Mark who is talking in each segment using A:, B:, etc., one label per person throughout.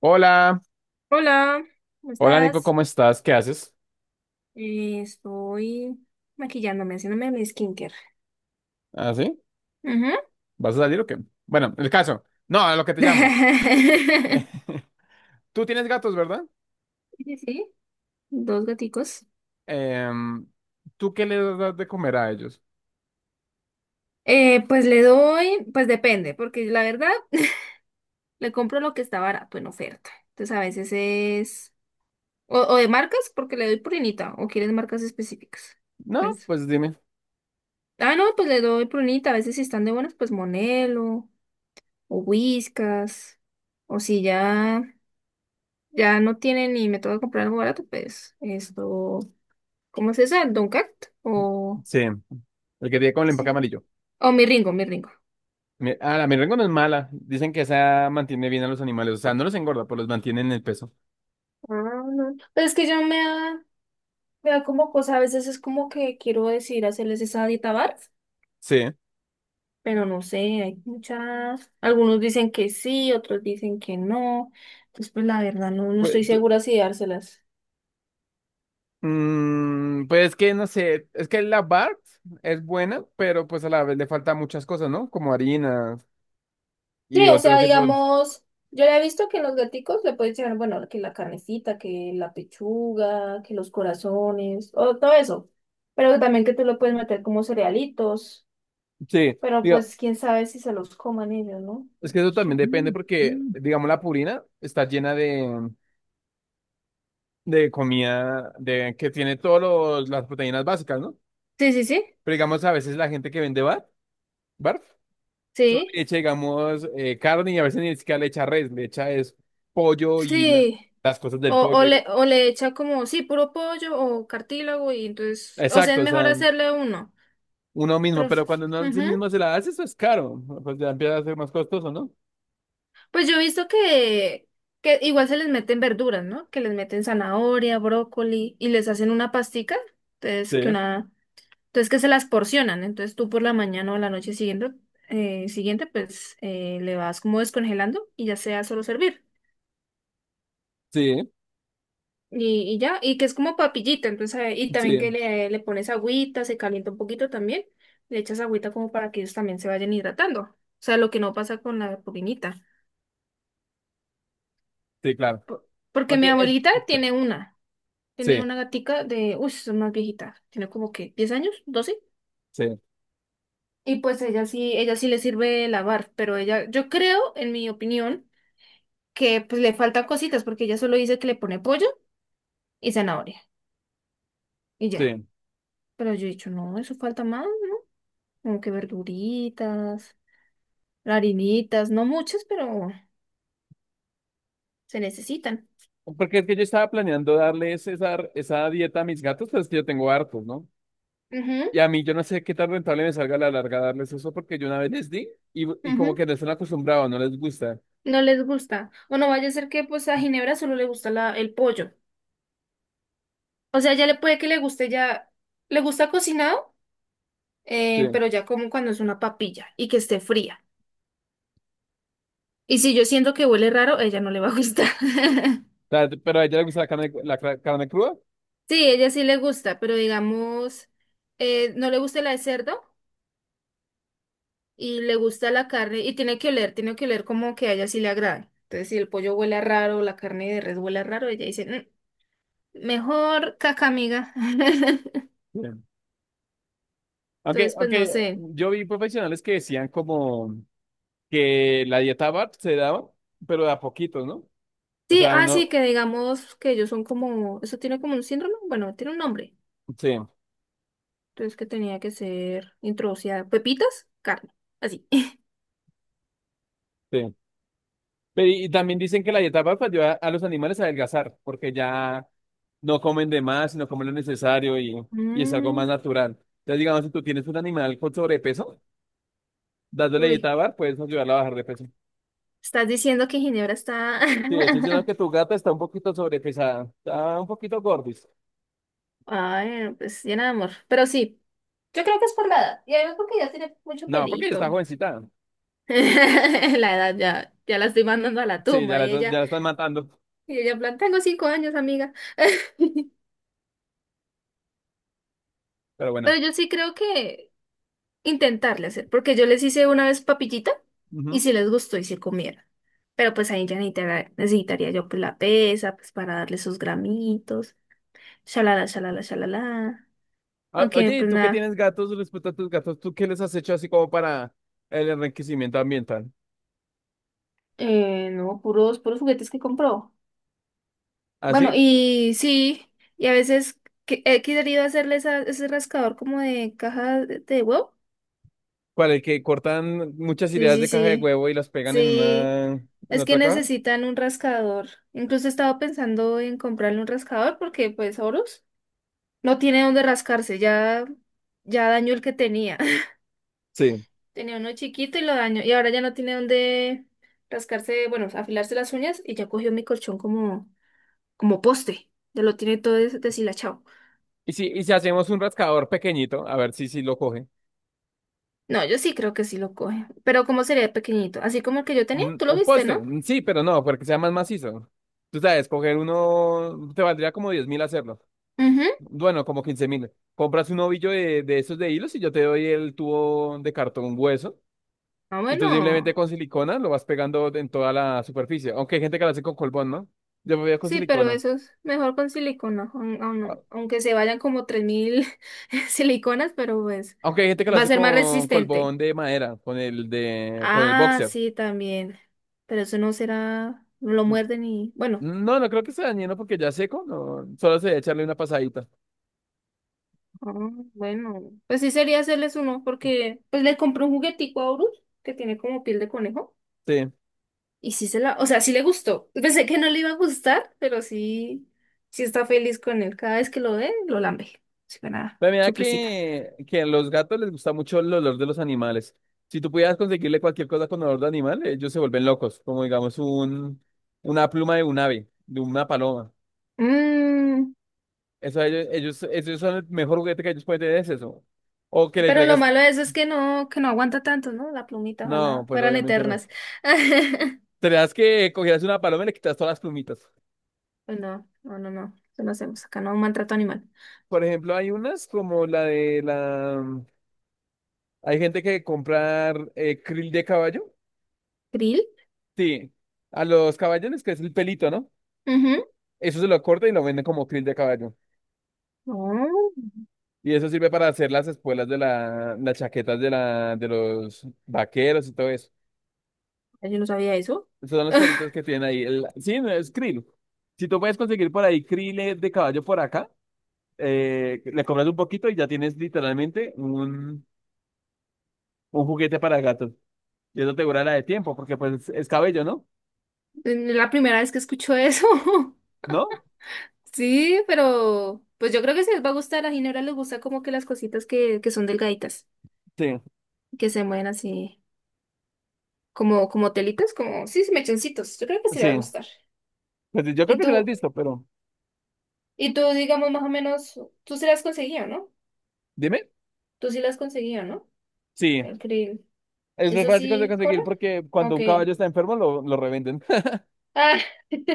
A: Hola,
B: Hola, ¿cómo
A: hola Nico,
B: estás?
A: ¿cómo estás? ¿Qué haces?
B: Estoy maquillándome, haciéndome mi skincare.
A: ¿Ah, sí?
B: Ujú.
A: ¿Vas a salir o qué? Bueno, el caso. No, a lo que te llamo. Tú tienes gatos, ¿verdad?
B: Sí, sí, sí, dos gaticos.
A: Em, ¿Tú qué les das de comer a ellos?
B: Pues le doy, pues depende, porque la verdad le compro lo que está barato en oferta. Entonces a veces es... O, o de marcas, porque le doy prunita, o quieres marcas específicas.
A: No,
B: Pues,
A: pues dime.
B: no, pues le doy prunita. A veces si están de buenas, pues Monelo, o Whiskas, o si ya... ya no tienen y me tengo que comprar algo barato, pues esto, ¿cómo se dice? ¿Dunkat? O,
A: Sí, el que tiene con el empaque
B: sí,
A: amarillo.
B: o mi Ringo, mi Ringo.
A: Ah, la merengue no es mala. Dicen que esa mantiene bien a los animales. O sea, no los engorda, pero los mantiene en el peso.
B: Ah, no. Pero es que yo me da como cosa, a veces es como que quiero decir hacerles esa dieta barf,
A: Sí.
B: pero no sé, hay muchas, algunos dicen que sí, otros dicen que no, entonces pues la verdad no, no
A: Pues,
B: estoy segura si dárselas.
A: pues es que no sé. Es que la Bart es buena, pero pues a la vez le falta muchas cosas, ¿no? Como harinas y
B: Sí, o
A: otros
B: sea,
A: tipos.
B: digamos, yo ya he visto que en los gaticos le puedes echar, bueno, que la carnecita, que la pechuga, que los corazones, o todo eso. Pero también que tú lo puedes meter como cerealitos.
A: Sí,
B: Pero
A: digo,
B: pues quién sabe si se los coman ellos, ¿no?
A: es que eso
B: Eso.
A: también depende porque,
B: Mm.
A: digamos, la purina está llena de comida de, que tiene todas las proteínas básicas, ¿no?
B: Sí, sí, sí,
A: Pero digamos, a veces la gente que vende barf, solo
B: sí,
A: le echa, digamos, carne y a veces ni siquiera le echa res, le echa es pollo y la-
B: sí.
A: las cosas del pollo.
B: O le echa como, sí, puro pollo o cartílago y entonces, o sea,
A: Exacto,
B: es
A: o
B: mejor
A: sea,
B: hacerle uno.
A: uno mismo,
B: Pero,
A: pero cuando uno sí
B: ujú.
A: mismo se la hace, eso es caro, pues ya empieza a ser más costoso, ¿no?
B: Pues yo he visto que igual se les meten verduras, ¿no? Que les meten zanahoria, brócoli y les hacen una pastica. Entonces
A: Sí,
B: que una, entonces que se las porcionan. Entonces tú por la mañana o la noche siguiente, siguiente, pues le vas como descongelando y ya sea solo servir.
A: sí,
B: Y ya, y que es como papillita, entonces, y también
A: sí,
B: que le pones agüita, se calienta un poquito también, le echas agüita como para que ellos también se vayan hidratando. O sea, lo que no pasa con la pupinita.
A: sí, claro.
B: Por- Porque mi
A: Aunque es...
B: abuelita tiene una. Tiene
A: Sí,
B: una gatica de, uy, es más viejita, tiene como que 10 años, 12.
A: sí.
B: Y pues ella sí le sirve lavar, pero ella, yo creo, en mi opinión, que pues le faltan cositas, porque ella solo dice que le pone pollo y zanahoria, y ya.
A: Sí.
B: Pero yo he dicho, no, eso falta más, como que verduritas, harinitas, no muchas, pero se necesitan.
A: Porque es que yo estaba planeando darles esa dieta a mis gatos, pero es que yo tengo hartos, ¿no?
B: Ujú,
A: Y a mí yo no sé qué tan rentable me salga a la larga darles eso, porque yo una vez les di y como que
B: ujú.
A: no están acostumbrados, no les gusta.
B: No les gusta. O no vaya a ser que pues a Ginebra solo le gusta la, el pollo. O sea, ya le puede que le guste ya, ¿le gusta cocinado?
A: Sí. O
B: Pero ya como cuando es una papilla y que esté fría. Y si yo siento que huele raro, ella no le va a gustar.
A: sea, pero a ella le gusta la carne, carne cruda.
B: Sí, ella sí le gusta, pero digamos, no le gusta la de cerdo y le gusta la carne y tiene que oler como que a ella sí le agrade. Entonces, si el pollo huele raro, la carne de res huele raro, ella dice, "Mm, mejor caca, amiga".
A: Sí.
B: Entonces, pues no
A: Aunque
B: sé.
A: yo vi profesionales que decían como que la dieta BART se daba, pero de a poquitos, ¿no? O
B: Sí,
A: sea,
B: ah, sí,
A: uno,
B: que digamos que ellos son como, eso tiene como un síndrome, bueno, tiene un nombre.
A: sí,
B: Entonces que tenía que ser introducida. Pepitas, carne. Así.
A: sí. Pero y también dicen que la dieta baja ayuda a los animales a adelgazar, porque ya no comen de más, sino comen lo necesario y es algo más
B: Mm,
A: natural. Entonces, digamos, si tú tienes un animal con sobrepeso, dándole dieta
B: uy,
A: bar, puedes ayudarlo a bajar de peso.
B: estás diciendo que Ginebra está...
A: Sí, estoy diciendo que tu gata está un poquito sobrepesada, está un poquito gordis.
B: Ay, no, pues llena de amor. Pero sí, yo creo que es por la edad. Y además porque ya tiene mucho
A: No, porque ella está
B: pelito.
A: jovencita.
B: La edad ya, ya la estoy mandando a la
A: Sí,
B: tumba.
A: ya la están matando,
B: Y ella en plan, tengo 5 años, amiga.
A: pero bueno.
B: Pero yo sí creo que intentarle hacer, porque yo les hice una vez papillita y
A: Ujú.
B: si les gustó y se comieron. Pero pues ahí ya necesitaría yo pues la pesa, pues para darle sus gramitos, shalala, shalala, shalala. Aunque
A: Oye, ¿y
B: pues
A: tú que
B: nada,
A: tienes gatos respecto a tus gatos? ¿Tú qué les has hecho así como para el enriquecimiento ambiental?
B: no, puros juguetes que compró. Bueno,
A: ¿Así?
B: y sí, y a veces he querido hacerle ese rascador como de caja de huevo.
A: ¿Cuál? El que cortan muchas
B: Sí,
A: ideas
B: sí,
A: de caja de
B: sí.
A: huevo y las pegan en
B: Sí,
A: una, en
B: es que
A: otra caja.
B: necesitan un rascador. Incluso estaba pensando en comprarle un rascador porque pues Horus no tiene dónde rascarse, ya dañó el que tenía.
A: Sí.
B: Tenía uno chiquito y lo dañó y ahora ya no tiene dónde rascarse, bueno, afilarse las uñas y ya cogió mi colchón como como poste. Ya lo tiene todo deshilachado.
A: Y si hacemos un rascador pequeñito, a ver si lo coge.
B: No, yo sí creo que sí lo coge, pero como sería pequeñito, así como el que yo tenía, tú lo
A: Un
B: viste,
A: poste,
B: ¿no?
A: mm, sí, pero no, porque sea más macizo. Tú sabes, coger uno te valdría como 10 mil hacerlo.
B: Ujú.
A: Bueno, como 15 mil. Compras un ovillo de esos de hilos y yo te doy el tubo de cartón hueso.
B: Ah,
A: Y tú simplemente
B: bueno.
A: con silicona lo vas pegando en toda la superficie. Aunque hay gente que lo hace con colbón, ¿no? Yo me voy con
B: Sí, pero
A: silicona.
B: eso es mejor con silicona, aunque se vayan como 3000 siliconas, pero pues
A: Aunque hay gente que lo
B: va a
A: hace
B: ser más
A: con
B: resistente.
A: colbón de madera, con el de, con el
B: Ah,
A: boxer.
B: sí, también. Pero eso no será, no lo muerden y bueno.
A: No, no creo que sea dañino porque ya seco, no, solo se debe echarle una pasadita.
B: Ah, bueno, pues sí sería hacerles uno porque pues le compré un juguetico a Horus que tiene como piel de conejo
A: Sí.
B: y sí se la, o sea, sí le gustó. Pensé que no le iba a gustar, pero sí, sí está feliz con él. Cada vez que lo ve, lo lambe. Sí, para nada,
A: Pero mira
B: su presita.
A: que a los gatos les gusta mucho el olor de los animales. Si tú pudieras conseguirle cualquier cosa con olor de animal, ellos se vuelven locos, como digamos un, una pluma de un ave, de una paloma. Eso a ellos, ellos, esos son el mejor juguete que ellos pueden tener, es eso. O que le
B: Pero lo
A: traigas,
B: malo de eso es que no aguanta tanto, ¿no? La plumita,
A: no,
B: ojalá
A: pues
B: fueran
A: obviamente no.
B: eternas.
A: Tendrías que cogieras una paloma y le quitas todas las plumitas.
B: Pues no, no, no, no. Eso no hacemos. Acá no maltrato animal.
A: Por ejemplo, hay unas como la de la... Hay gente que comprar krill de caballo.
B: ¿Krill?
A: Sí, a los caballos les crece el pelito, ¿no?
B: Ujú.
A: Eso se lo corta y lo venden como krill de caballo.
B: No,
A: Y eso sirve para hacer las espuelas de la, las chaquetas de la, de los vaqueros y todo eso.
B: yo no sabía eso.
A: Esos son los pelitos que tienen ahí. Sí, no es krill. Si tú puedes conseguir por ahí krill de caballo por acá, le compras un poquito y ya tienes literalmente un juguete para gatos. Y eso te dura la de tiempo, porque pues es cabello, ¿no?
B: La primera vez que escucho eso.
A: ¿No?
B: Sí, pero pues yo creo que sí les va a gustar. A Ginebra les gusta como que las cositas que son delgaditas,
A: Sí,
B: que se mueven así, como, como telitas, como, sí, sí, mechoncitos. Yo creo que sí le va a
A: sí.
B: gustar.
A: Pues yo creo
B: Y
A: que te lo has
B: tú,
A: visto, pero
B: y tú, digamos, más o menos, tú se las conseguías, ¿no?
A: dime.
B: Tú sí las has conseguido, ¿no?
A: Sí,
B: Increíble.
A: es muy
B: ¿Eso
A: fácil de
B: sí corre?
A: conseguir porque cuando
B: Ok.
A: un caballo está enfermo lo revenden.
B: Ah,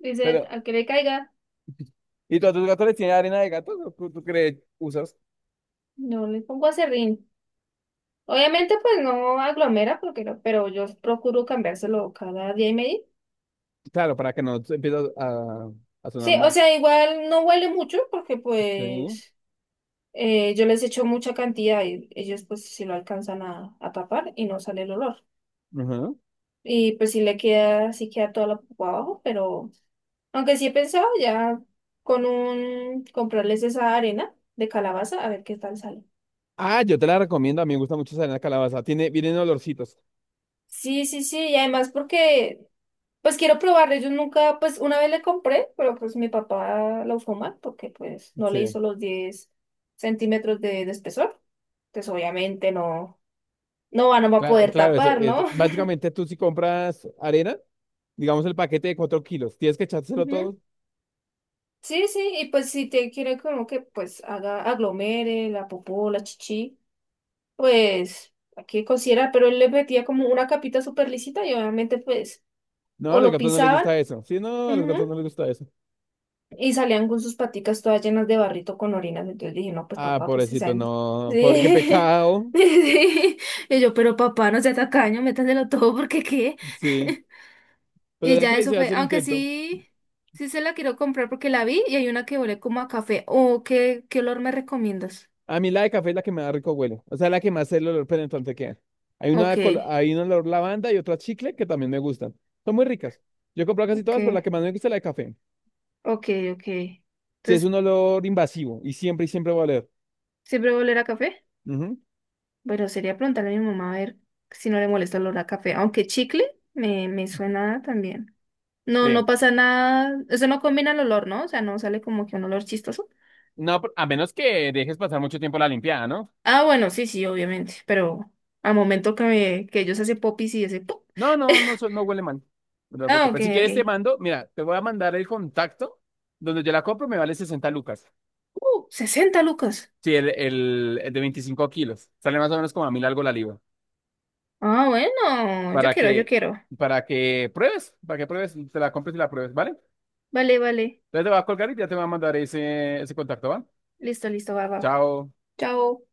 B: dicen,
A: Pero,
B: a que le caiga,
A: ¿y tú a tus gatos les tienes arena de gato? ¿O ¿Tú, tú crees usas?
B: no le pongo aserrín. Obviamente, pues no aglomera, porque no- pero yo procuro cambiárselo cada día y medio.
A: Claro, para que no se empiece a sonar
B: Sí, o
A: más.
B: sea, igual no huele mucho, porque
A: Sí.
B: pues yo les echo mucha cantidad y ellos pues si lo alcanzan a tapar y no sale el olor.
A: Ajá.
B: Y pues sí le queda, sí queda toda la pupa abajo, pero. Aunque sí he pensado ya con un comprarles esa arena de calabaza a ver qué tal sale.
A: Ah, yo te la recomiendo. A mí me gusta mucho esa arena de calabaza. Tiene, vienen olorcitos.
B: Sí, sí, sí, y además porque pues quiero probarle. Yo nunca, pues una vez le compré, pero pues mi papá lo usó mal porque pues no le
A: Sí.
B: hizo los 10 centímetros de espesor. Entonces obviamente no, no va no va a poder
A: Claro, eso,
B: tapar,
A: eso.
B: ¿no?
A: Básicamente tú si compras arena, digamos el paquete de 4 kilos, tienes que echárselo
B: Ujú.
A: todo.
B: Sí, sí, y pues si te quiere como que pues haga aglomere la popó, la chichi. Pues, hay que considerar, pero él le metía como una capita súper lisita y obviamente, pues,
A: No, a
B: o
A: los
B: lo
A: gatos no les
B: pisaban,
A: gusta eso. Sí, no, a los
B: ujú,
A: gatos no les gusta eso.
B: y salían con sus paticas todas llenas de barrito con orinas. Entonces dije, no, pues
A: Ah,
B: papá, pues se
A: pobrecito,
B: salen.
A: no. Por qué
B: Sí.
A: pecado.
B: Sí. Y yo, pero papá, no sea tacaño, métaselo todo porque qué.
A: Sí. Pues
B: Y
A: la que
B: ya
A: le
B: eso
A: hice
B: fue,
A: hace el
B: aunque
A: intento.
B: sí, sí se la quiero comprar porque la vi y hay una que huele como a café. Oh, ¿qué, qué olor me recomiendas?
A: A mí la de café es la que me da rico huele. O sea, la que más el olor penetrante queda. Hay una,
B: Ok,
A: hay un olor lavanda y otra chicle que también me gustan. Son muy ricas. Yo he comprado casi
B: ok,
A: todas, pero la que más me gusta es la de café.
B: ok, ok.
A: Sí, es
B: Entonces,
A: un olor invasivo y siempre va a oler.
B: ¿siempre va a oler a café?
A: Ujú.
B: Pero sería preguntarle a mi mamá a ver si no le molesta el olor a café. Aunque chicle me, me suena también. No,
A: Sí.
B: no pasa nada. Eso no combina el olor, ¿no? O sea, no sale como que un olor chistoso.
A: No, a menos que dejes pasar mucho tiempo la limpiada, ¿no?
B: Ah, bueno, sí, sí, obviamente. Pero al momento que, que ellos hacen popis y ese pop.
A: No, no, no, no huele mal. No te
B: Ah, ok,
A: preocupes. Si
B: ok.
A: quieres, te mando, mira, te voy a mandar el contacto donde yo la compro, me vale 60 lucas.
B: 60 lucas.
A: Sí, el de 25 kilos. Sale más o menos como a mil algo la libra.
B: Ah, bueno, yo
A: Para
B: quiero, yo
A: que,
B: quiero.
A: para que pruebes, te la compres y la pruebes, ¿vale?
B: Vale, vale.
A: Entonces te va a colgar y ya te va a mandar ese contacto, ¿va?
B: Listo, listo, va, va.
A: Chao.
B: Chao.